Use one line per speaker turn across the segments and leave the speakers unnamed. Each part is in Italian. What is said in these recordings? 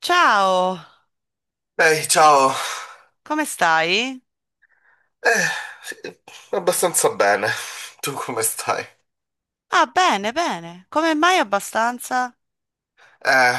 Ciao,
Ehi, ciao.
come stai?
Eh, sì, abbastanza bene. Tu come stai?
Ah, bene, bene. Come mai abbastanza?
Eh,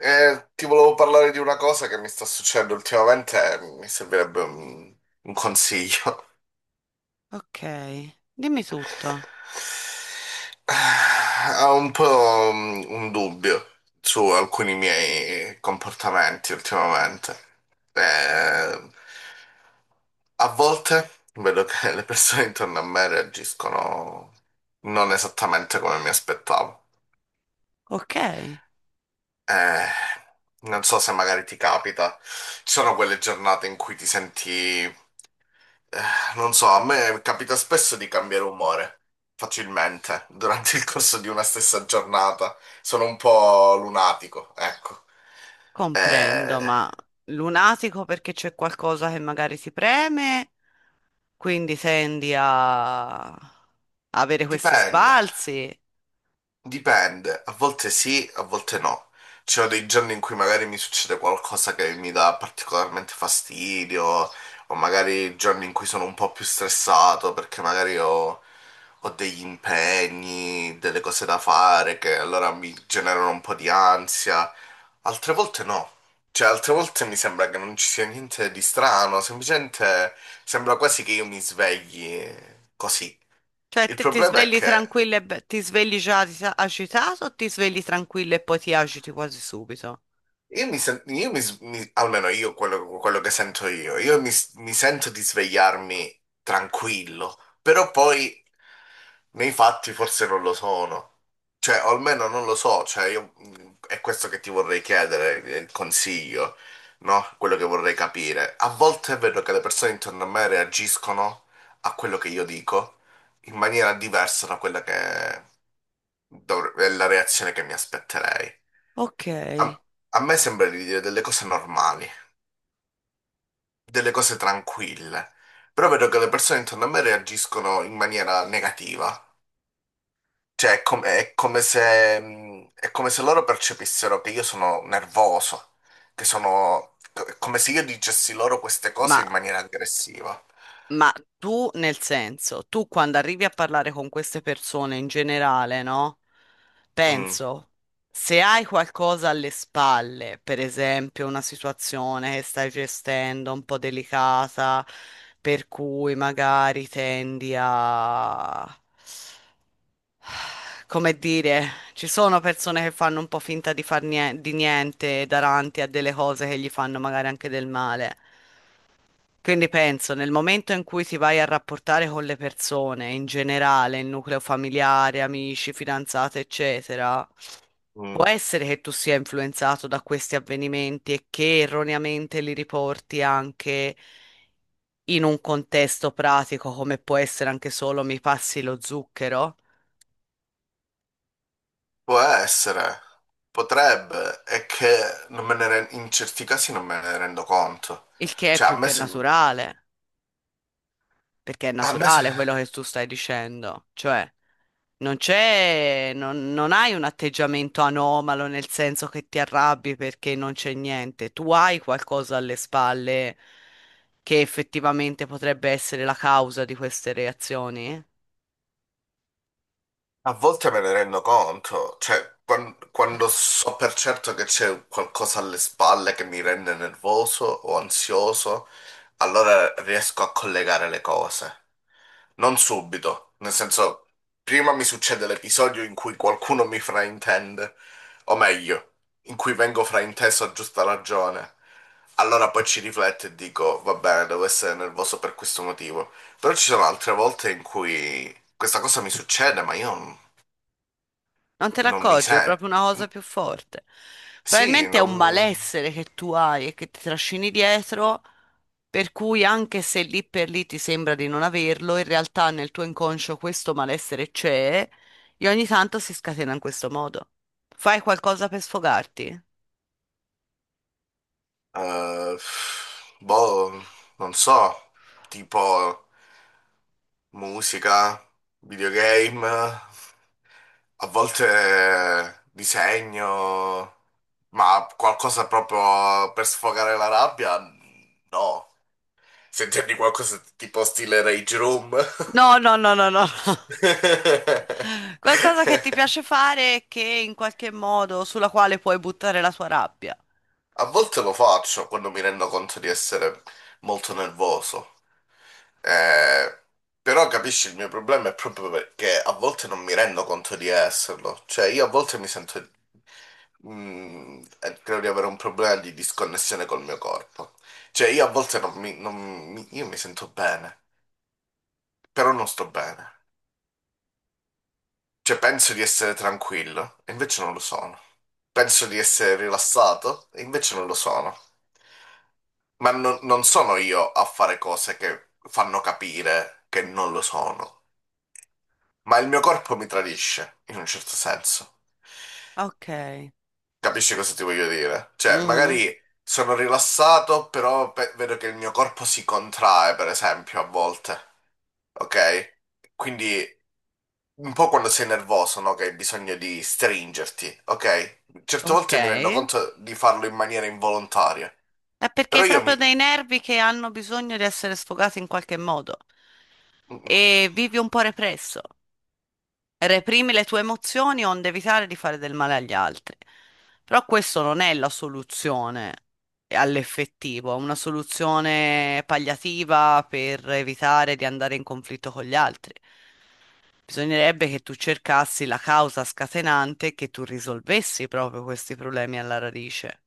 ti volevo parlare di una cosa che mi sta succedendo ultimamente e mi servirebbe un consiglio.
Ok, dimmi tutto.
Ho un po' un dubbio su alcuni miei comportamenti ultimamente. Eh, A volte vedo che le persone intorno a me reagiscono non esattamente come mi aspettavo.
Ok,
Eh, Non so se magari ti capita. Ci sono quelle giornate in cui ti senti, eh, non so, a me capita spesso di cambiare umore facilmente durante il corso di una stessa giornata. Sono un po' lunatico, ecco.
comprendo,
Eh,
ma lunatico perché c'è qualcosa che magari si preme, quindi tendi a avere questi
Dipende.
sbalzi.
Dipende, a volte sì, a volte no. Ci sono dei giorni in cui magari mi succede qualcosa che mi dà particolarmente fastidio, o magari giorni in cui sono un po' più stressato perché magari ho degli impegni, delle cose da fare che allora mi generano un po' di ansia. Altre volte no. Cioè, altre volte mi sembra che non ci sia niente di strano, semplicemente sembra quasi che io mi svegli così.
Cioè,
Il
te ti
problema è
svegli
che
tranquillo e ti svegli già agitato o ti svegli tranquillo e poi ti agiti quasi subito?
Io mi, sen- io mi s- mi- almeno io quello che sento io, mi sento di svegliarmi tranquillo, però poi nei fatti forse non lo sono, cioè o almeno non lo so, cioè io, è questo che ti vorrei chiedere, il consiglio, no? Quello che vorrei capire. A volte vedo che le persone intorno a me reagiscono a quello che io dico in maniera diversa da quella che è la reazione che mi aspetterei.
Ok,
A me sembra di dire delle cose normali, delle cose tranquille, però vedo che le persone intorno a me reagiscono in maniera negativa. Cioè, è come se loro percepissero che io sono nervoso, che sono. È come se io dicessi loro queste
ma
cose in maniera aggressiva.
Ma tu, nel senso, tu quando arrivi a parlare con queste persone in generale, no?
Mm,
Penso, se hai qualcosa alle spalle, per esempio una situazione che stai gestendo un po' delicata, per cui magari tendi a... Come dire, ci sono persone che fanno un po' finta di di niente davanti a delle cose che gli fanno magari anche del male. Quindi penso, nel momento in cui ti vai a rapportare con le persone, in generale, il nucleo familiare, amici, fidanzate, eccetera,
mm.
può essere che tu sia influenzato da questi avvenimenti e che erroneamente li riporti anche in un contesto pratico, come può essere anche solo mi passi lo zucchero,
Può essere, potrebbe, è che non me ne ren- in certi casi non me ne rendo conto.
il che è
Cioè, a
più
me,
che
sem-
naturale. Perché è
a me se...
naturale quello che tu stai dicendo, cioè non c'è, non, non hai un atteggiamento anomalo nel senso che ti arrabbi perché non c'è niente, tu hai qualcosa alle spalle che effettivamente potrebbe essere la causa di queste reazioni.
A volte me ne rendo conto, cioè quando, so per certo che c'è qualcosa alle spalle che mi rende nervoso o ansioso, allora riesco a collegare le cose. Non subito, nel senso, prima mi succede l'episodio in cui qualcuno mi fraintende, o meglio, in cui vengo frainteso a giusta ragione. Allora poi ci rifletto e dico, va bene, devo essere nervoso per questo motivo. Però ci sono altre volte in cui questa cosa mi succede, ma io
Non te ne
non mi
accorgi, è
sento.
proprio una cosa più forte.
Sì,
Probabilmente è un
non.
malessere che tu hai e che ti trascini dietro, per cui anche se lì per lì ti sembra di non averlo, in realtà nel tuo inconscio questo malessere c'è e ogni tanto si scatena in questo modo. Fai qualcosa per sfogarti?
eh, Boh, non so. Tipo musica, videogame, a volte disegno, ma qualcosa proprio per sfogare la rabbia? No. Se intendi qualcosa tipo stile Rage Room?
No, no, no, no, no. No. Qualcosa che ti piace fare e che in qualche modo sulla quale puoi buttare la tua rabbia.
A volte lo faccio quando mi rendo conto di essere molto nervoso. Eh, Però capisci, il mio problema è proprio perché a volte non mi rendo conto di esserlo. Cioè, io a volte mi sento. Credo di avere un problema di disconnessione col mio corpo. Cioè, io a volte non mi... non mi- io mi sento bene, però non sto bene. Cioè, penso di essere tranquillo, e invece non lo sono. Penso di essere rilassato, e invece non lo sono. Ma non sono io a fare cose che fanno capire che non lo sono. Ma il mio corpo mi tradisce, in un certo senso.
Ok.
Capisci cosa ti voglio dire? Cioè,
Mhm.
magari sono rilassato, però vedo che il mio corpo si contrae, per esempio, a volte. Ok? Quindi un po' quando sei nervoso, no? Che hai bisogno di stringerti, ok? Certe
Ok.
volte mi rendo
È
conto di farlo in maniera involontaria,
perché
però
hai
io
proprio
mi.
dei nervi che hanno bisogno di essere sfogati in qualche modo e vivi un po' represso. Reprimi le tue emozioni onde evitare di fare del male agli altri. Però questo non è la soluzione, all'effettivo, è una soluzione palliativa per evitare di andare in conflitto con gli altri. Bisognerebbe che tu cercassi la causa scatenante e che tu risolvessi proprio questi problemi alla radice.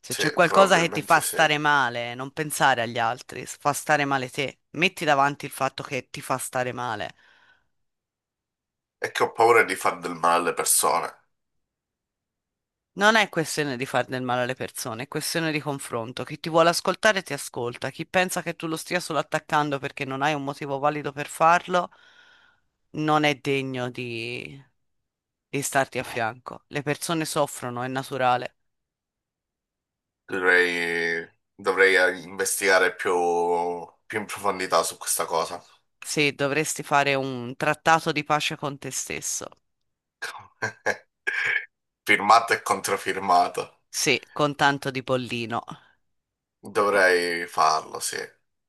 Se
Sì,
c'è qualcosa che ti fa
probabilmente sì.
stare male, non pensare agli altri, fa stare male te. Metti davanti il fatto che ti fa stare male.
È che ho paura di far del male alle persone.
Non è questione di far del male alle persone, è questione di confronto. Chi ti vuole ascoltare ti ascolta, chi pensa che tu lo stia solo attaccando perché non hai un motivo valido per farlo, non è degno di starti a fianco. Le persone soffrono, è naturale.
Dovrei, dovrei investigare più in profondità su questa cosa.
Sì, dovresti fare un trattato di pace con te stesso.
Firmato e controfirmato.
Sì, con tanto di pollino.
Dovrei farlo, sì.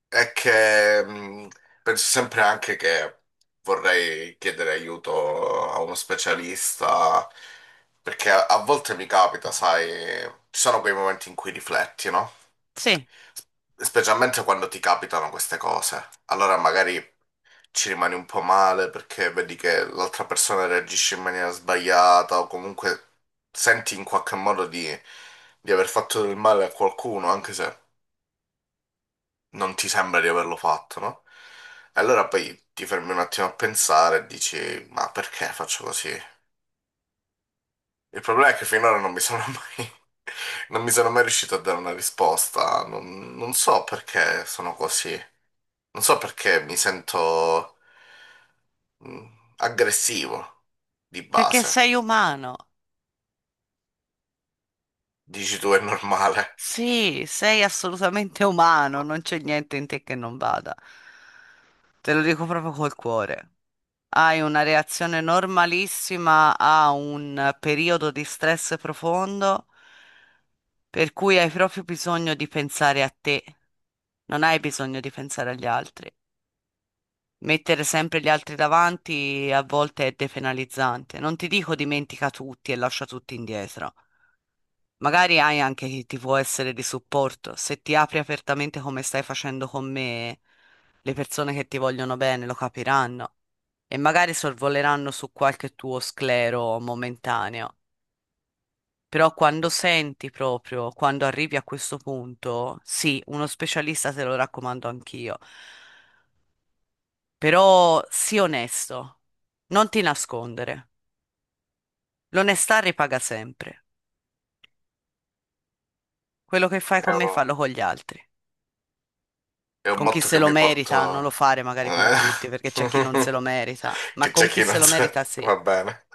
È che penso sempre anche che vorrei chiedere aiuto a uno specialista, perché a volte mi capita, sai, ci sono quei momenti in cui rifletti, no?
Sì,
Specialmente quando ti capitano queste cose. Allora magari ci rimani un po' male perché vedi che l'altra persona reagisce in maniera sbagliata o comunque senti in qualche modo di aver fatto del male a qualcuno, anche se non ti sembra di averlo fatto, no? E allora poi ti fermi un attimo a pensare e dici, ma perché faccio così? Il problema è che finora non mi sono mai, non mi sono mai riuscito a dare una risposta, non so perché sono così, non so perché mi sento mm, aggressivo di
perché
base.
sei umano.
Dici tu è normale.
Sì, sei assolutamente umano, non c'è niente in te che non vada. Te lo dico proprio col cuore. Hai una reazione normalissima a un periodo di stress profondo, per cui hai proprio bisogno di pensare a te, non hai bisogno di pensare agli altri. Mettere sempre gli altri davanti a volte è depenalizzante. Non ti dico dimentica tutti e lascia tutti indietro. Magari hai anche chi ti può essere di supporto. Se ti apri apertamente come stai facendo con me, le persone che ti vogliono bene lo capiranno e magari sorvoleranno su qualche tuo sclero momentaneo. Però quando senti proprio, quando arrivi a questo punto, sì, uno specialista te lo raccomando anch'io. Però sii onesto, non ti nascondere. L'onestà ripaga sempre. Quello che fai
È
con me,
un,
fallo con gli altri.
è un
Con chi
motto
se
che
lo
mi
merita, non
porto.
lo fare magari con
Eh?
tutti, perché c'è chi non se lo merita, ma
Che c'è
con chi
chi non
se lo
sa.
merita sì.
Va bene.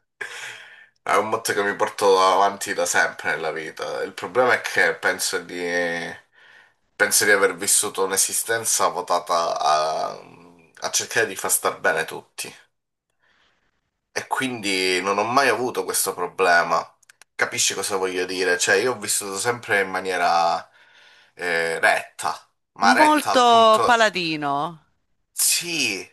È un motto che mi porto avanti da sempre nella vita. Il problema è che Penso di aver vissuto un'esistenza votata a cercare di far star bene tutti. E quindi non ho mai avuto questo problema. Capisci cosa voglio dire? Cioè, io ho vissuto sempre in maniera retta, ma retta al
Molto
punto.
paladino,
Sì,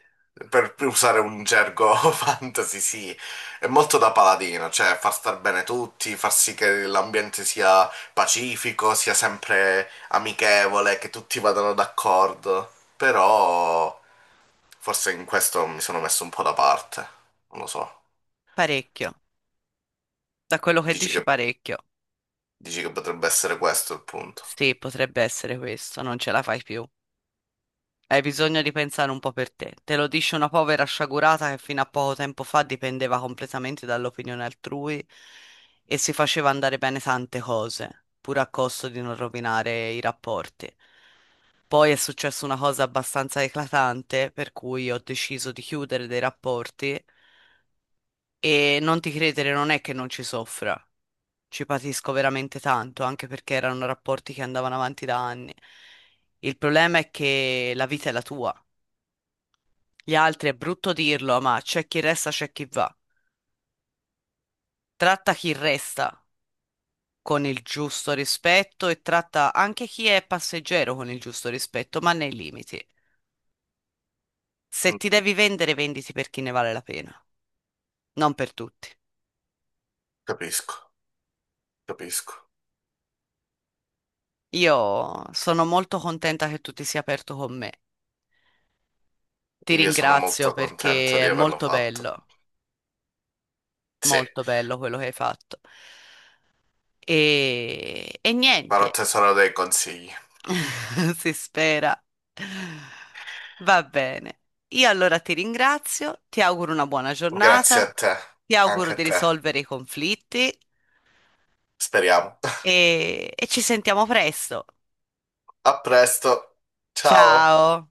per usare un gergo fantasy, sì, è molto da paladino, cioè far star bene tutti, far sì che l'ambiente sia pacifico, sia sempre amichevole, che tutti vadano d'accordo. Però forse in questo mi sono messo un po' da parte, non lo so.
parecchio. Da quello che
Dici
dici
che
parecchio.
Dici che potrebbe essere questo il punto.
Sì, potrebbe essere questo, non ce la fai più. Hai bisogno di pensare un po' per te. Te lo dice una povera sciagurata che fino a poco tempo fa dipendeva completamente dall'opinione altrui e si faceva andare bene tante cose, pur a costo di non rovinare i rapporti. Poi è successa una cosa abbastanza eclatante, per cui ho deciso di chiudere dei rapporti e non ti credere non è che non ci soffra, ci patisco veramente tanto, anche perché erano rapporti che andavano avanti da anni. Il problema è che la vita è la tua. Gli altri, è brutto dirlo, ma c'è chi resta, c'è chi va. Tratta chi resta con il giusto rispetto e tratta anche chi è passeggero con il giusto rispetto, ma nei limiti. Se
Mm,
ti devi vendere, venditi per chi ne vale la pena, non per tutti.
capisco, capisco.
Io sono molto contenta che tu ti sia aperto con me. Ti
Io sono
ringrazio
molto contento
perché è
di averlo fatto. Sì,
molto bello quello che hai fatto. E niente.
farò tesoro dei consigli.
Si spera. Va bene. Io allora ti ringrazio, ti auguro una buona
Grazie
giornata,
a te,
ti auguro
anche a
di
te.
risolvere i conflitti
Speriamo.
e ci sentiamo presto.
A presto. Ciao.
Ciao.